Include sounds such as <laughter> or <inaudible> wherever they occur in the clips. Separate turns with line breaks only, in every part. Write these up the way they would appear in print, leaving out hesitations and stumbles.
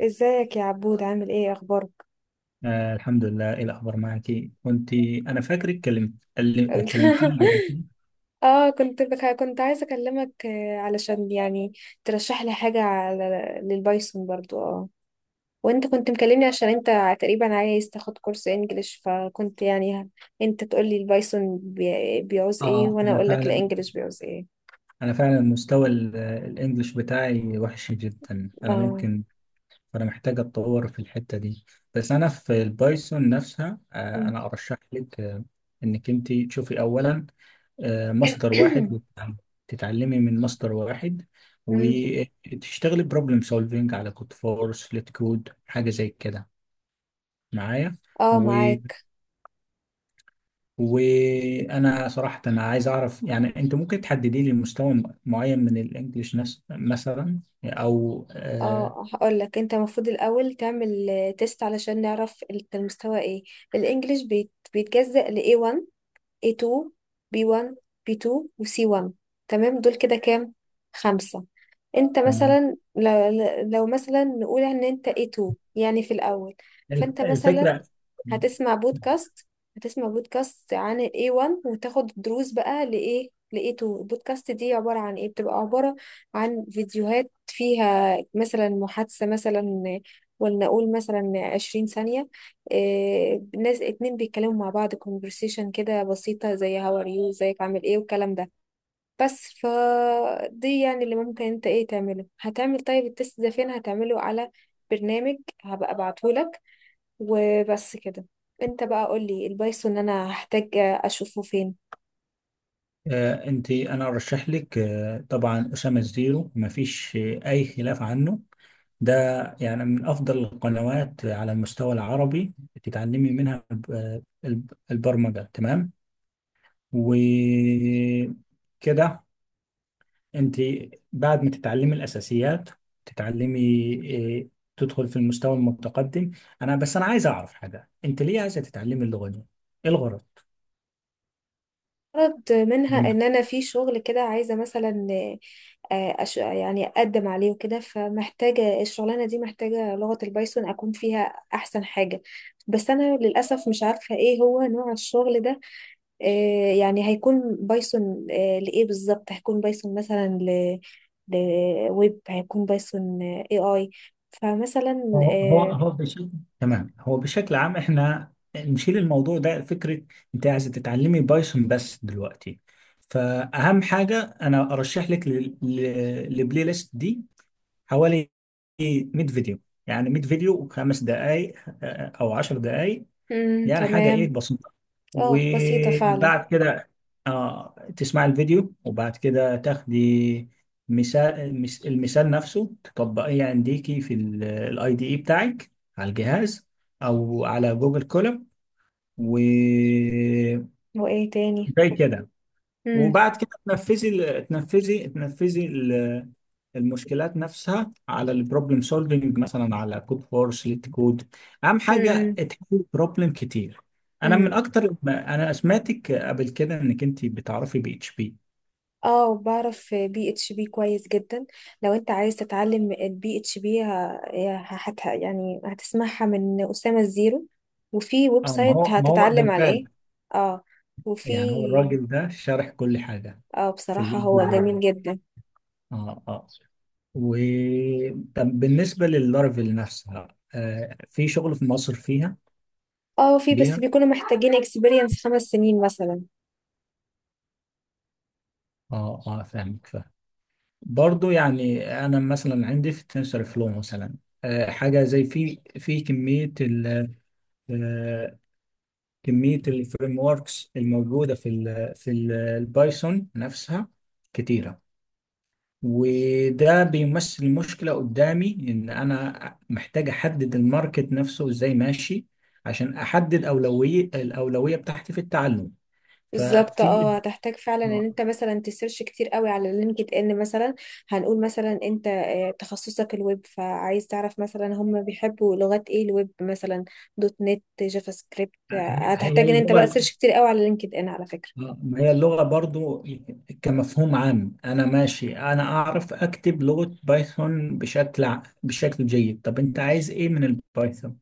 ازيك يا عبود عامل ايه اخبارك؟
آه، الحمد لله. ايه الاخبار معك؟ كنت انا فاكرك كلمتني قبل كده.
<laughs> كنت عايزه اكلمك علشان يعني ترشح لي حاجه للبايثون برضو. اه، وانت كنت مكلمني عشان انت تقريبا عايز تاخد كورس انجليش، فكنت يعني انت تقول لي البايثون بيعوز ايه
اه
وانا
انا
اقول لك
فعلا
الانجليش بيعوز ايه.
انا فعلا مستوى الانجليش بتاعي وحش جدا. انا
اه.
ممكن فانا محتاج اتطور في الحتة دي. بس انا في البايثون نفسها،
<clears throat> م.
انا ارشح لك انك انت تشوفي اولا مصدر واحد،
<coughs>
تتعلمي من مصدر واحد،
م.
وتشتغلي بروبلم سولفينج على كود فورس ليت كود، حاجة زي كده، معايا.
اه معاك.
وانا صراحة، أنا عايز اعرف، يعني انت ممكن تحددي لي مستوى معين من الانجليش، مثلا. او آه
اه هقول لك، انت المفروض الاول تعمل تيست علشان نعرف انت المستوى ايه. الانجليش بيتجزأ ل A1، A2، B1، B2، و C1. تمام، دول كده كام؟ خمسة. انت
تمام.
مثلا لو, لو مثلا نقول ان انت A2 يعني في الاول، فانت مثلا
الفكرة.
هتسمع بودكاست. هتسمع بودكاست عن ال A1 وتاخد دروس بقى لإيه؟ ل A2. البودكاست دي عبارة عن إيه؟ بتبقى عبارة عن فيديوهات فيها مثلا محادثة، مثلا ولنقول مثلا 20 ثانية، إيه ناس اتنين بيتكلموا مع بعض conversation كده بسيطة زي how are you، ازيك عامل ايه والكلام ده. بس فدي يعني اللي ممكن انت ايه تعمله. هتعمل طيب التست ده فين؟ هتعمله على برنامج هبقى ابعتهولك، وبس كده. انت بقى قولي البايثون انا هحتاج اشوفه فين.
آه انت انا ارشح لك، طبعا أسامة الزيرو مفيش اي خلاف عنه. ده يعني من أفضل القنوات على المستوى العربي، تتعلمي منها البرمجة. تمام وكده. انت، بعد ما تتعلمي الاساسيات، تتعلمي إيه، تدخل في المستوى المتقدم. انا، بس انا عايز اعرف حاجه، انت ليه عايزه تتعلمي اللغه دي؟ ايه الغرض؟
غرض منها
تمام.
ان انا في شغل كده عايزة مثلا يعني اقدم عليه وكده، فمحتاجة الشغلانة دي، محتاجة لغة البايثون اكون فيها احسن حاجة. بس انا للاسف مش عارفة ايه هو نوع الشغل ده. يعني هيكون بايثون لايه بالظبط؟ هيكون بايثون مثلا لويب، هيكون بايثون اي اي؟ فمثلا
هو هو هو بشكل تمام، هو بشكل عام احنا نشيل الموضوع ده فكره. انت عايزه تتعلمي بايثون بس دلوقتي، فاهم حاجه؟ انا ارشح لك للبلاي ليست دي، حوالي 100 فيديو، يعني 100 فيديو وخمس دقائق او 10 دقائق،
مم،
يعني حاجة
تمام.
بسيطة.
اه بسيطة فعلا.
وبعد كده تسمع الفيديو، وبعد كده تاخدي مثال، المثال نفسه تطبقيه، يعني عنديكي في الاي دي اي بتاعك على الجهاز، أو على جوجل كولاب، وزي
وايه تاني؟
كده.
امم.
وبعد كده تنفذي ال- المشكلات نفسها على البروبلم سولفنج، مثلا على كود فورس ليت كود. اهم حاجه
امم.
تحل بروبلم كتير. انا من
امم.
اكتر ما انا سمعتك قبل كده، انك انت بتعرفي بي اتش بي.
اه بعرف بي اتش بي كويس جدا. لو انت عايز تتعلم البي اتش بي، يعني هتسمعها من أسامة الزيرو، وفي ويب
اه،
سايت
ما هو ده
هتتعلم عليه.
الفعل.
اه. وفي.
يعني هو الراجل ده شارح كل حاجه
اه
في
بصراحة
الويب
هو جميل
ديفلوبر.
جدا.
اه اه و طب بالنسبه لللارفل نفسها، في شغل في مصر فيها
اه في، بس
بيها؟
بيكونوا محتاجين اكسبيرينس 5 سنين مثلا.
اه فاهمك فاهمك. برضو يعني انا مثلا عندي في تنسر فلو مثلا، حاجه زي في في كميه ال آه، كميه الفريم وركس الموجوده في ال- البايثون نفسها، كتيره. وده بيمثل مشكله قدامي، ان انا محتاج احدد الماركت نفسه ازاي ماشي، عشان احدد اولويه، بتاعتي في التعلم.
بالظبط،
ففي
اه هتحتاج فعلا ان
آه،
انت مثلا تسيرش كتير قوي على لينكد ان مثلا. هنقول مثلا انت تخصصك الويب، فعايز تعرف مثلا هم بيحبوا لغات ايه الويب مثلا، دوت نت، جافا سكريبت.
هي هي
هتحتاج ان انت بقى
اللغه
تسيرش كتير قوي على لينكد ان على فكرة.
آه، ما هي اللغة برضو، كمفهوم عام. أنا ماشي، أنا أعرف أكتب لغة بايثون بشكل جيد. طب أنت عايز إيه من البايثون؟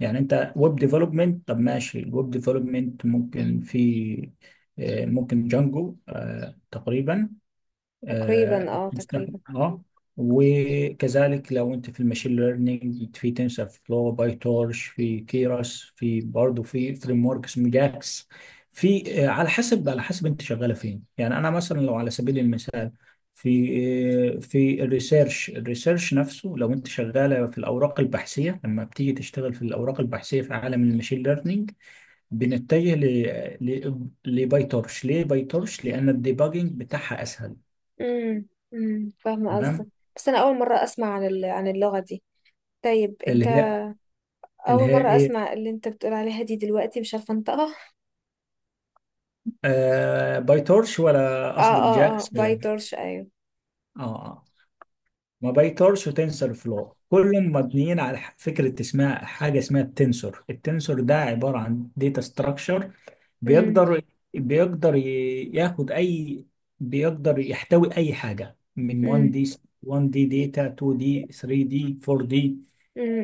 يعني أنت ويب ديفلوبمنت؟ طب ماشي، الويب ديفلوبمنت ممكن في آه، ممكن جانجو، تقريبا، آه،
تقريبا، اه
تستخدم-
تقريبا.
اه وكذلك لو انت في الماشين ليرنينج، في تنسر فلو، باي تورش، في كيراس، في برضه في فريم ورك اسمه جاكس. في آه، على حسب، انت شغاله فين. يعني انا مثلا لو على سبيل المثال في في الريسيرش نفسه، لو انت شغاله في الاوراق البحثيه، لما بتيجي تشتغل في الاوراق البحثيه في عالم الماشين ليرنينج، بنتجه لباي تورش. ليه باي تورش؟ لان الديباجنج بتاعها اسهل.
امم. امم، فاهمة قصدك.
تمام.
بس انا اول مرة اسمع عن عن اللغة دي. طيب
اللي
انت،
هي اللي
اول
هي
مرة
ايه،
اسمع اللي انت بتقول عليها دي، دلوقتي مش عارفة انطقها.
باي تورش ولا
اه
قصدك
اه اه
جاكس؟
باي
اه.
تورش، ايوه.
آه. ما باي تورش وتنسر فلو كلهم مبنيين على فكره اسمها، حاجه اسمها التنسور. التنسور ده عباره عن داتا ستراكشر،
امم.
بيقدر بيقدر ي- ياخد اي بيقدر يحتوي اي حاجه من 1 دي، 1 دي داتا، 2 دي، 3 دي، 4 دي.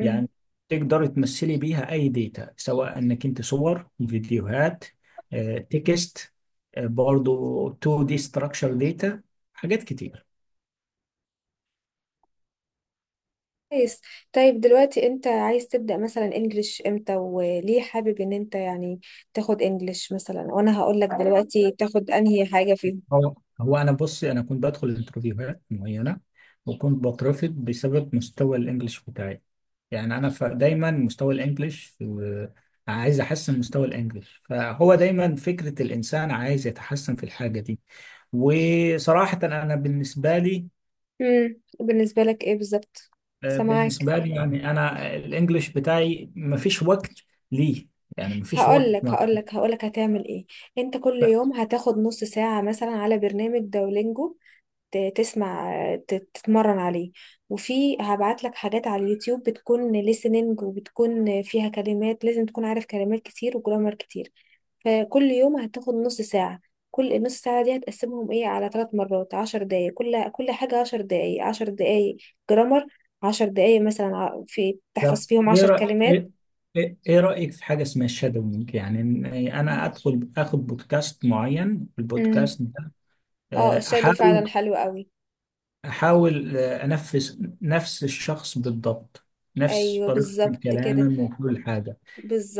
يعني تقدر تمثلي بيها اي داتا، سواء انك انت صور، فيديوهات، تكست، برضو 2 دي ستراكشر داتا، حاجات كتير.
كويس. طيب دلوقتي انت عايز تبدأ مثلا انجليش امتى، وليه حابب ان انت يعني تاخد انجليش مثلا؟ وانا هقول لك دلوقتي تاخد انهي حاجة فيهم.
هو هو انا بصي، انا كنت بدخل انترفيوهات معينه، وكنت بترفض بسبب مستوى الانجليش بتاعي. يعني انا، دايما مستوى الانجليش، عايز احسن مستوى الانجليش، فهو دايما فكره الانسان عايز يتحسن في الحاجه دي. وصراحه انا
امم، بالنسبة لك ايه بالظبط؟ سامعاك.
بالنسبه لي، يعني انا الانجليش بتاعي ما فيش وقت ليه، يعني ما فيش وقت.
هقول لك هتعمل ايه. انت كل يوم هتاخد نص ساعة مثلا على برنامج دولينجو، تسمع، تتمرن عليه. وفي هبعت لك حاجات على اليوتيوب، بتكون listening وبتكون فيها كلمات، لازم تكون عارف كلمات كتير وجرامر كتير. فكل يوم هتاخد نص ساعة، كل النص ساعة دي هتقسمهم ايه؟ على 3 مرات 10 دقايق، كل حاجة 10 دقايق، 10 دقايق جرامر، 10 دقايق مثلا في
طب
تحفظ فيهم
ايه
عشر
رأ...
كلمات
ايه ايه إيه رأيك في حاجة اسمها شادوينج؟ يعني إن انا ادخل اخد بودكاست معين،
امم.
البودكاست ده
اه الشادو فعلا
احاول،
حلو قوي.
انفذ نفس الشخص بالضبط، نفس
ايوه
طريقة
بالظبط كده،
الكلام وكل حاجة.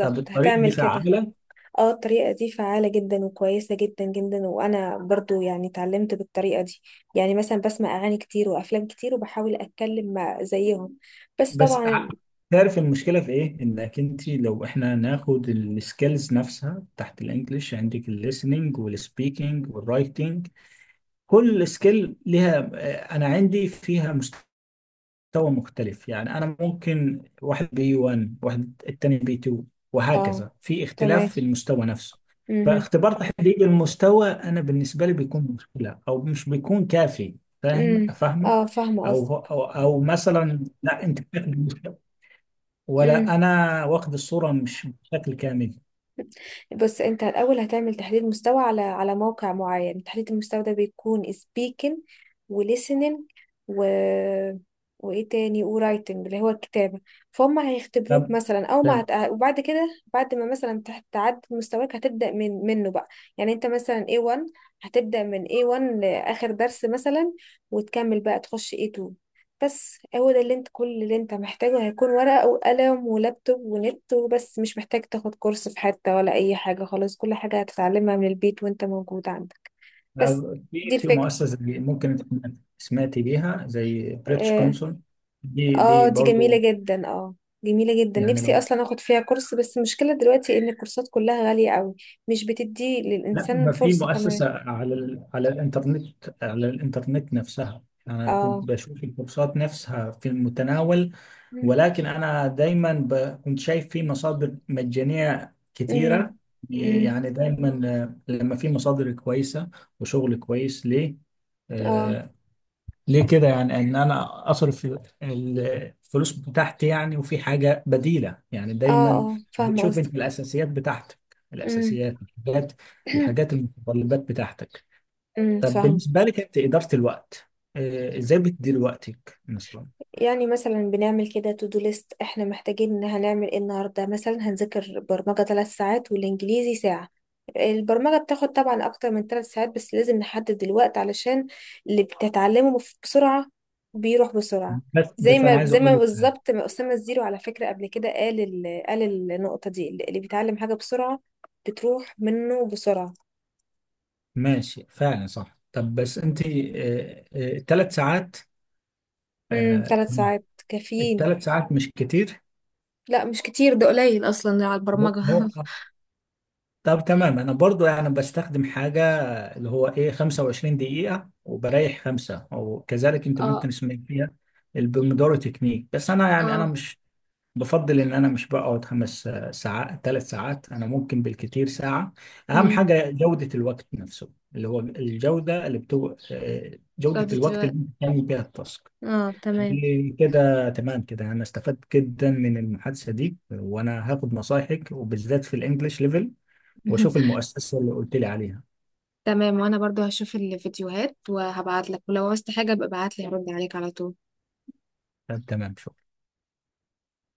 طب الطريقة دي
هتعمل كده.
فعالة؟
اه الطريقه دي فعاله جدا وكويسه جدا جدا، وانا برضو يعني اتعلمت بالطريقه دي. يعني مثلا بسمع اغاني كتير وافلام كتير وبحاول اتكلم مع زيهم، بس
بس
طبعا.
ع- تعرف المشكلة في ايه؟ انك انت، لو احنا ناخد السكيلز نفسها تحت الانجليش، عندك الليسننج والسبيكنج والرايتنج، كل سكيل ليها، انا عندي فيها تو مختلف. يعني انا ممكن واحد بي 1، واحد التاني بي 2،
اه
وهكذا. في
تمام.
اختلاف في المستوى نفسه.
مهم.
فاختبار تحديد المستوى انا بالنسبه لي بيكون مشكله، او مش بيكون كافي. فاهم
مم.
فاهمه.
اه فاهمة قصدك.
او مثلا، لا، انت بتاخد المستوى،
مم.
ولا انا واخد الصوره مش بشكل كامل.
بس انت الاول هتعمل تحليل مستوى على على موقع معين. تحليل المستوى ده بيكون speaking و listening و، وايه تاني، و writing اللي هو الكتابة. فهم هيختبروك
طب،
مثلا او ما
طب
هت... وبعد كده، بعد ما مثلا تعدي مستواك هتبدأ من منه بقى. يعني انت مثلا A1، هتبدأ من A1 لآخر درس مثلا، وتكمل بقى تخش A2. بس هو ده اللي انت، كل اللي انت محتاجه هيكون ورقة وقلم ولابتوب ونت وبس. مش محتاج تاخد كورس في حتة ولا أي حاجة خلاص، كل حاجة هتتعلمها من البيت وانت موجود عندك. بس دي
في
الفكرة.
مؤسسه ممكن انت سمعتي بيها، زي بريتش
اه,
كونسول،
آه
دي
دي جميلة
برضو؟
جدا. اه جميلة جدا،
يعني
نفسي أصلا أخد فيها كورس، بس المشكلة دلوقتي إن الكورسات كلها غالية قوي، مش بتدي
لا،
للإنسان
ما في
فرصة كمان.
مؤسسة على الإنترنت. على الإنترنت نفسها أنا كنت
اه.
بشوف الكورسات نفسها في المتناول،
مم.
ولكن أنا دايما كنت شايف في مصادر مجانية كتيرة.
مم. مم.
يعني دايما، لما في مصادر كويسة وشغل كويس،
اه
آه، ليه كده؟ يعني ان انا اصرف الفلوس بتاعتي، يعني وفي حاجه بديله. يعني
اه
دايما
اه فاهمة
بتشوف انت
قصدك.
الاساسيات بتاعتك، الاساسيات، الحاجات، المتطلبات بتاعتك.
امم.
طب
<clears throat>
بالنسبه لك انت، اداره الوقت ازاي بتدير وقتك مثلا؟
يعني مثلا بنعمل كده تو دو ليست، احنا محتاجين ان هنعمل ايه النهارده؟ مثلا هنذاكر برمجة 3 ساعات والانجليزي ساعة. البرمجة بتاخد طبعا اكتر من 3 ساعات، بس لازم نحدد الوقت علشان اللي بسرعة بيروح بسرعة.
بس
زي
بس انا
ما
عايز
زي
اقول
ما
لك حاجة.
بالظبط ما أسامة الزيرو على فكرة قبل كده قال النقطة دي، اللي بيتعلم حاجة بسرعة بتروح منه بسرعة.
ماشي، فعلا، صح. طب بس انت، الثلاث ساعات
امم،
آه،
3 ساعات كافيين.
الثلاث ساعات مش كتير؟
لا مش كتير، ده قليل اصلا على
هو
البرمجة.
هو- طب تمام. انا برضو يعني بستخدم حاجه، اللي هو 25 دقيقة وبريح خمسة، وكذلك
<laughs>
انت
اه.
ممكن اسمي فيها البومودورو تكنيك. بس انا، يعني انا
اه.
مش بفضل ان انا مش بقعد 5 ساعات، 3 ساعات. انا ممكن بالكتير ساعة. اهم
مم.
حاجة جودة الوقت نفسه، اللي هو الجودة اللي بتو... آه، جودة
جودة
الوقت اللي
الوقت.
انت بتعمل بيها التاسك.
اه تمام.
دي كده تمام. كده انا استفدت جدا من المحادثة دي، وانا هاخد نصايحك، وبالذات في الانجليش ليفل، واشوف
<laughs>
المؤسسة اللي قلت لي عليها.
تمام، وانا برضو هشوف الفيديوهات وهبعت لك، ولو عوزت حاجة ابقى ابعت لي هرد عليك على طول.
طب تمام، شكرا.